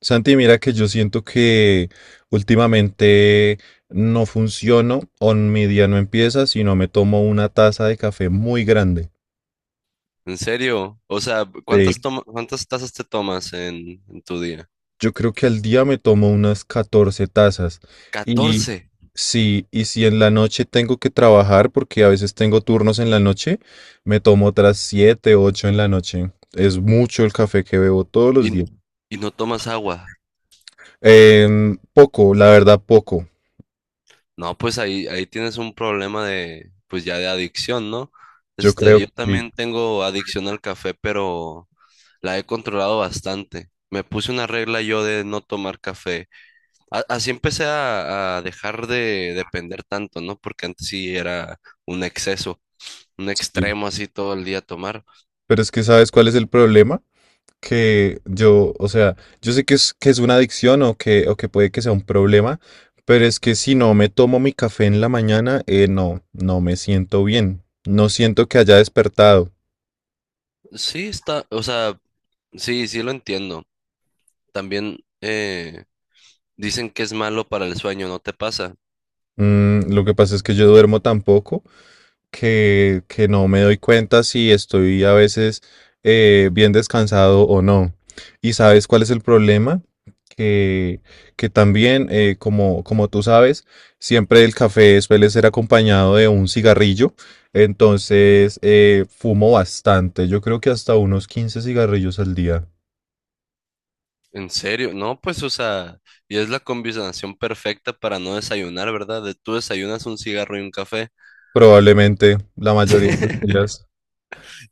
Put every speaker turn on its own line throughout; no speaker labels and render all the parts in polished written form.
Santi, mira que yo siento que últimamente no funciono o mi día no empieza si no me tomo una taza de café muy grande.
¿En serio? O sea,
Eh,
¿cuántas cuántas tazas te tomas en tu día?
yo creo que al día me tomo unas 14 tazas. Y
Catorce.
si, y si en la noche tengo que trabajar, porque a veces tengo turnos en la noche, me tomo otras 7, 8 en la noche. Es mucho el café que bebo todos los
Y,
días.
y no tomas agua.
Poco, la verdad, poco.
No, pues ahí tienes un problema de, pues ya de adicción, ¿no?
Yo creo
Yo
que
también tengo adicción al café, pero la he controlado bastante. Me puse una regla yo de no tomar café. Así empecé a dejar de depender tanto, ¿no? Porque antes sí era un exceso, un
sí.
extremo así todo el día tomar.
Pero es que, ¿sabes cuál es el problema? Que yo, o sea, yo sé que es una adicción o que puede que sea un problema, pero es que si no me tomo mi café en la mañana, no me siento bien. No siento que haya despertado.
Sí, está, o sea. Sí, sí lo entiendo. También dicen que es malo para el sueño, ¿no te pasa?
Mm, lo que pasa es que yo duermo tan poco que no me doy cuenta si estoy a veces bien descansado o no. ¿Y sabes cuál es el problema? Que, que también, como, como tú sabes, siempre el café suele ser acompañado de un cigarrillo. Entonces, fumo bastante. Yo creo que hasta unos 15 cigarrillos al día.
¿En serio? No, pues, o sea, y es la combinación perfecta para no desayunar, ¿verdad? De tú desayunas un cigarro y un café.
Probablemente la mayoría de los días.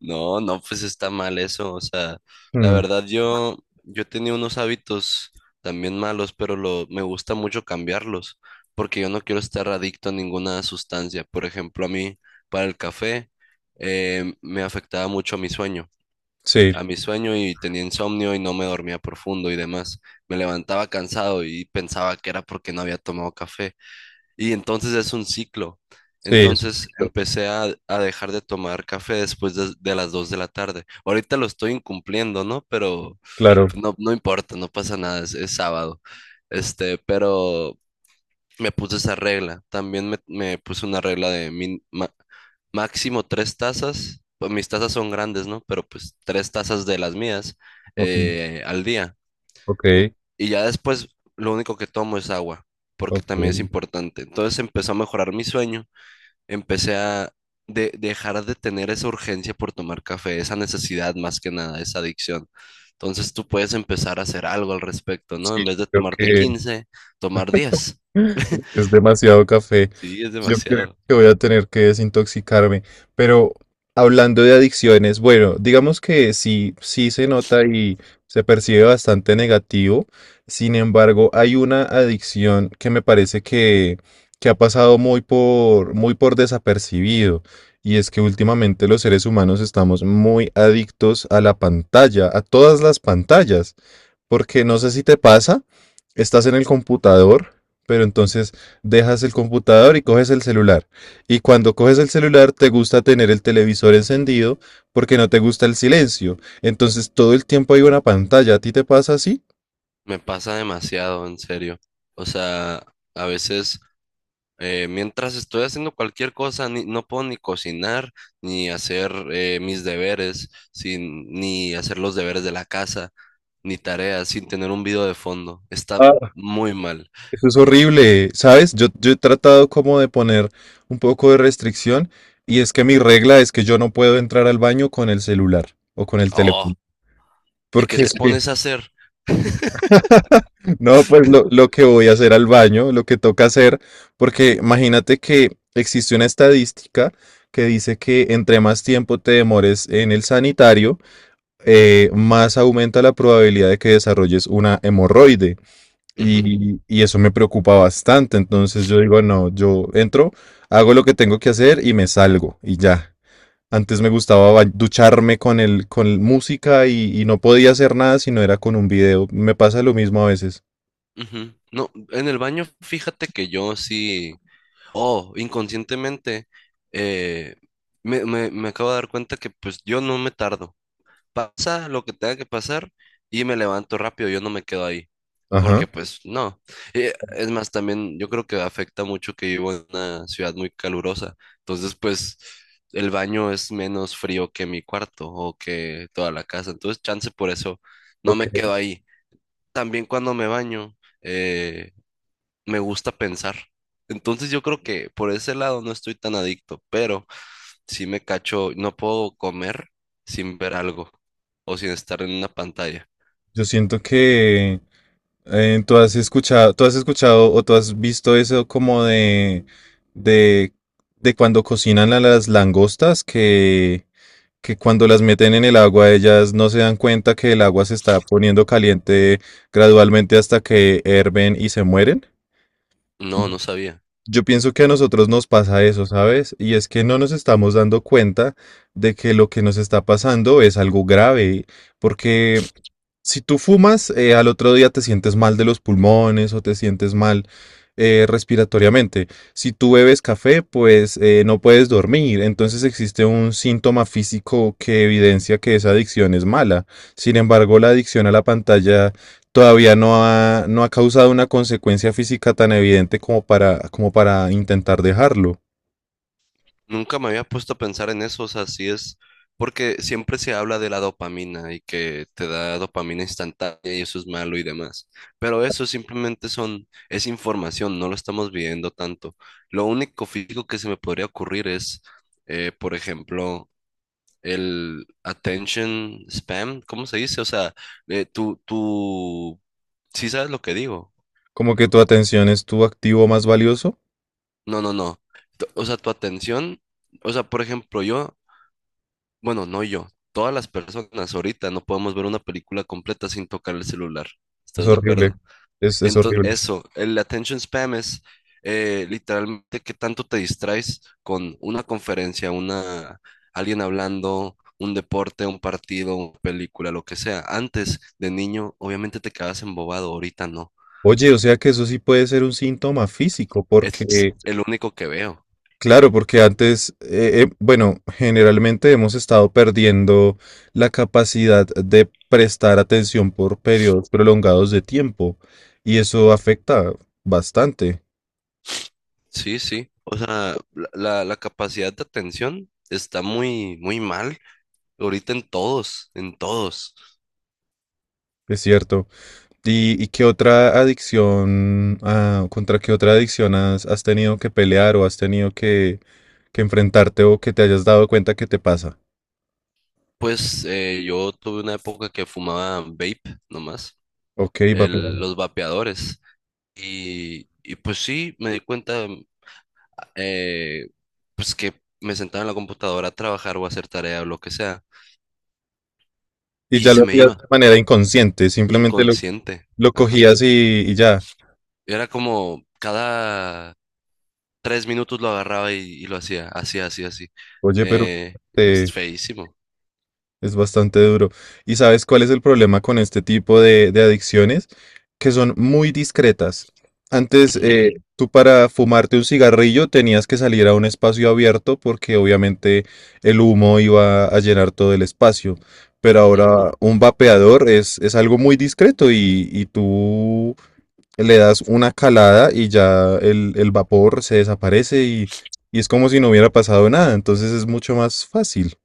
No, no, pues está mal eso. O sea, la
Mm,
verdad yo, yo tenía unos hábitos también malos, pero lo, me gusta mucho cambiarlos, porque yo no quiero estar adicto a ninguna sustancia. Por ejemplo, a mí, para el café, me afectaba mucho mi sueño.
sí,
A mi sueño, y tenía insomnio y no me dormía profundo y demás. Me levantaba cansado y pensaba que era porque no había tomado café. Y entonces es un ciclo.
sí, es un
Entonces
ciclo.
empecé a dejar de tomar café después de las 2 de la tarde. Ahorita lo estoy incumpliendo, ¿no? Pero
Claro.
pues, no, no importa, no pasa nada, es sábado. Pero me puse esa regla. También me puse una regla de máximo tres tazas. Pues mis tazas son grandes, ¿no? Pero pues tres tazas de las mías
Ok,
al día.
ok,
Y ya después lo único que tomo es agua, porque
ok.
también es importante. Entonces empezó a mejorar mi sueño. Empecé a dejar de tener esa urgencia por tomar café, esa necesidad más que nada, esa adicción. Entonces tú puedes empezar a hacer algo al respecto, ¿no?
Sí,
En vez de
yo creo
tomarte
que
quince, tomar diez.
es demasiado café.
Sí, es
Yo creo
demasiado.
que voy a tener que desintoxicarme. Pero hablando de adicciones, bueno, digamos que sí, sí se nota y se percibe bastante negativo. Sin embargo, hay una adicción que me parece que ha pasado muy por, muy por desapercibido. Y es que últimamente los seres humanos estamos muy adictos a la pantalla, a todas las pantallas. Porque no sé si te pasa, estás en el computador pero entonces dejas el computador y coges el celular. Y cuando coges el celular te gusta tener el televisor encendido porque no te gusta el silencio. Entonces todo el tiempo hay una pantalla. ¿A ti te pasa así?
Me pasa demasiado, en serio. O sea, a veces mientras estoy haciendo cualquier cosa, no puedo ni cocinar, ni hacer mis deberes, sin, ni hacer los deberes de la casa, ni tareas, sin tener un video de fondo. Está
Ah,
muy mal.
eso es horrible, ¿sabes? Yo he tratado como de poner un poco de restricción y es que mi regla es que yo no puedo entrar al baño con el celular o con el
Oh,
teléfono.
¿y qué
Porque
te
es que,
pones a hacer?
no, pues lo que voy a hacer al baño, lo que toca hacer, porque imagínate que existe una estadística que dice que entre más tiempo te demores en el sanitario, más aumenta la probabilidad de que desarrolles una hemorroide.
Ujú,
Y eso me preocupa bastante. Entonces yo digo, no, yo entro, hago lo que tengo que hacer y me salgo y ya. Antes me gustaba ducharme con el, con música y no podía hacer nada si no era con un video. Me pasa lo mismo a veces.
ujú. No, en el baño, fíjate que yo sí, oh, inconscientemente, eh, me, me acabo de dar cuenta que pues yo no me tardo. Pasa lo que tenga que pasar y me levanto rápido, yo no me quedo ahí,
Ajá.
porque pues no. Es más, también yo creo que afecta mucho que vivo en una ciudad muy calurosa, entonces pues el baño es menos frío que mi cuarto o que toda la casa, entonces chance por eso no
Ok.
me quedo ahí. También cuando me baño, eh, me gusta pensar, entonces yo creo que por ese lado no estoy tan adicto, pero sí me cacho, no puedo comer sin ver algo o sin estar en una pantalla.
Yo siento que tú has escuchado o tú has visto eso como de, de, de cuando cocinan a las langostas que cuando las meten en el agua, ellas no se dan cuenta que el agua se está poniendo caliente gradualmente hasta que herven y se mueren.
No, no sabía.
Yo pienso que a nosotros nos pasa eso, ¿sabes? Y es que no nos estamos dando cuenta de que lo que nos está pasando es algo grave, porque si tú fumas, al otro día te sientes mal de los pulmones o te sientes mal respiratoriamente. Si tú bebes café, pues no puedes dormir. Entonces existe un síntoma físico que evidencia que esa adicción es mala. Sin embargo, la adicción a la pantalla todavía no ha, no ha causado una consecuencia física tan evidente como para, como para intentar dejarlo.
Nunca me había puesto a pensar en eso, o sea, sí es porque siempre se habla de la dopamina y que te da dopamina instantánea y eso es malo y demás. Pero eso simplemente son, es información, no lo estamos viendo tanto. Lo único físico que se me podría ocurrir es, por ejemplo, el attention spam, ¿cómo se dice? O sea, eh, tú, tú, sí sabes lo que digo.
Como que tu atención es tu activo más valioso.
No, no, no. O sea, tu atención, o sea, por ejemplo, yo, bueno, no yo, todas las personas ahorita no podemos ver una película completa sin tocar el celular.
Es
¿Estás de
horrible.
acuerdo?
Es
Entonces,
horrible.
eso, el attention spam es literalmente qué tanto te distraes con una conferencia, una, alguien hablando, un deporte, un partido, una película, lo que sea. Antes de niño, obviamente te quedabas embobado, ahorita no.
Oye, o sea que eso sí puede ser un síntoma físico,
Es
porque,
el único que veo.
claro, porque antes, bueno, generalmente hemos estado perdiendo la capacidad de prestar atención por periodos prolongados de tiempo, y eso afecta bastante,
Sí, sí. O sea, la capacidad de atención está muy, muy mal ahorita en todos, en todos.
es cierto. Y qué otra adicción, ah, contra qué otra adicción has tenido que pelear o has tenido que enfrentarte o que te hayas dado cuenta que te pasa?
Pues yo tuve una época que fumaba vape nomás,
Ok, va.
los vapeadores. Y pues sí, me di cuenta eh, pues que me sentaba en la computadora a trabajar o a hacer tarea o lo que sea.
Y
Y
ya
se
lo
me
hacías
iba,
de manera inconsciente, simplemente lo
inconsciente.
Lo
Ajá.
cogías y ya.
Era como cada tres minutos lo agarraba y lo hacía, así, así, así.
Oye, pero
Eh, es
eh,
feísimo.
es bastante duro. ¿Y sabes cuál es el problema con este tipo de adicciones? Que son muy discretas. Antes,
Ujú,
tú para fumarte un cigarrillo tenías que salir a un espacio abierto porque obviamente el humo iba a llenar todo el espacio. Pero
ujú.
ahora un vapeador es algo muy discreto y tú le das una calada y ya el vapor se desaparece y es como si no hubiera pasado nada. Entonces es mucho más fácil.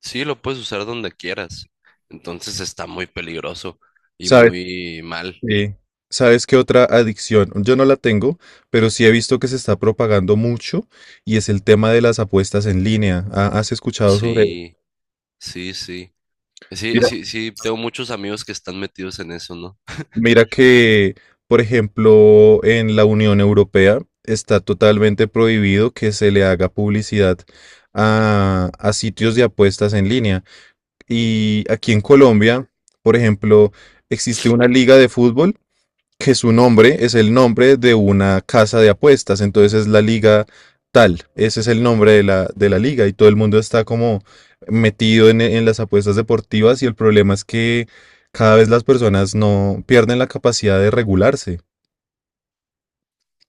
Sí, lo puedes usar donde quieras. Entonces está muy peligroso y
¿Sabes?
muy mal.
qué- ¿Sabes qué otra adicción? Yo no la tengo, pero sí he visto que se está propagando mucho y es el tema de las apuestas en línea. ¿Has escuchado sobre ello?
Sí, sí, sí. Sí,
Mira,
sí, sí, tengo muchos amigos que están metidos en eso, ¿no?
mira que, por ejemplo, en la Unión Europea está totalmente prohibido que se le haga publicidad a sitios de apuestas en línea. Y aquí en Colombia, por ejemplo, existe una liga de fútbol que su nombre es el nombre de una casa de apuestas, entonces es la liga tal, ese es el nombre de la liga y todo el mundo está como metido en las apuestas deportivas y el problema es que cada vez las personas no pierden la capacidad de regularse,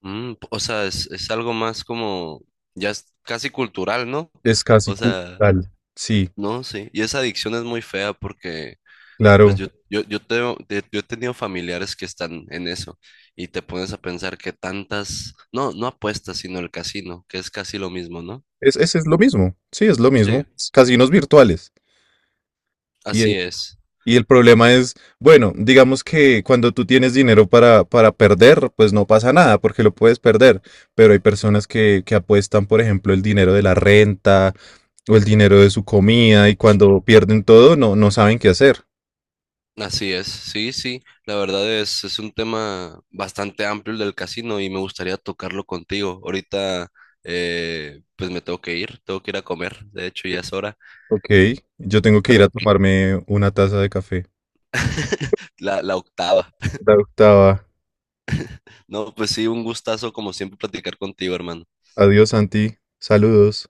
Mm, o sea, es algo más como, ya es casi cultural, ¿no?
es casi
O sea,
cultural. Sí,
no, sí. Y esa adicción es muy fea porque, pues
claro,
yo he tenido familiares que están en eso y te pones a pensar que tantas, no, no apuestas, sino el casino, que es casi lo mismo, ¿no?
es, ese es lo mismo, sí, es lo
Sí,
mismo, es casinos virtuales.
así es.
Y el problema es, bueno, digamos que cuando tú tienes dinero para perder, pues no pasa nada porque lo puedes perder. Pero hay personas que apuestan, por ejemplo, el dinero de la renta o el dinero de su comida y cuando pierden todo no, no saben qué hacer.
Así es, sí, sí, la verdad es un tema bastante amplio el del casino y me gustaría tocarlo contigo. Ahorita, pues me tengo que ir a comer, de hecho ya es hora,
Ok, yo tengo que ir
pero
a tomarme una taza de café.
la octava.
La octava.
No, pues sí, un gustazo como siempre platicar contigo, hermano.
Adiós, Santi. Saludos.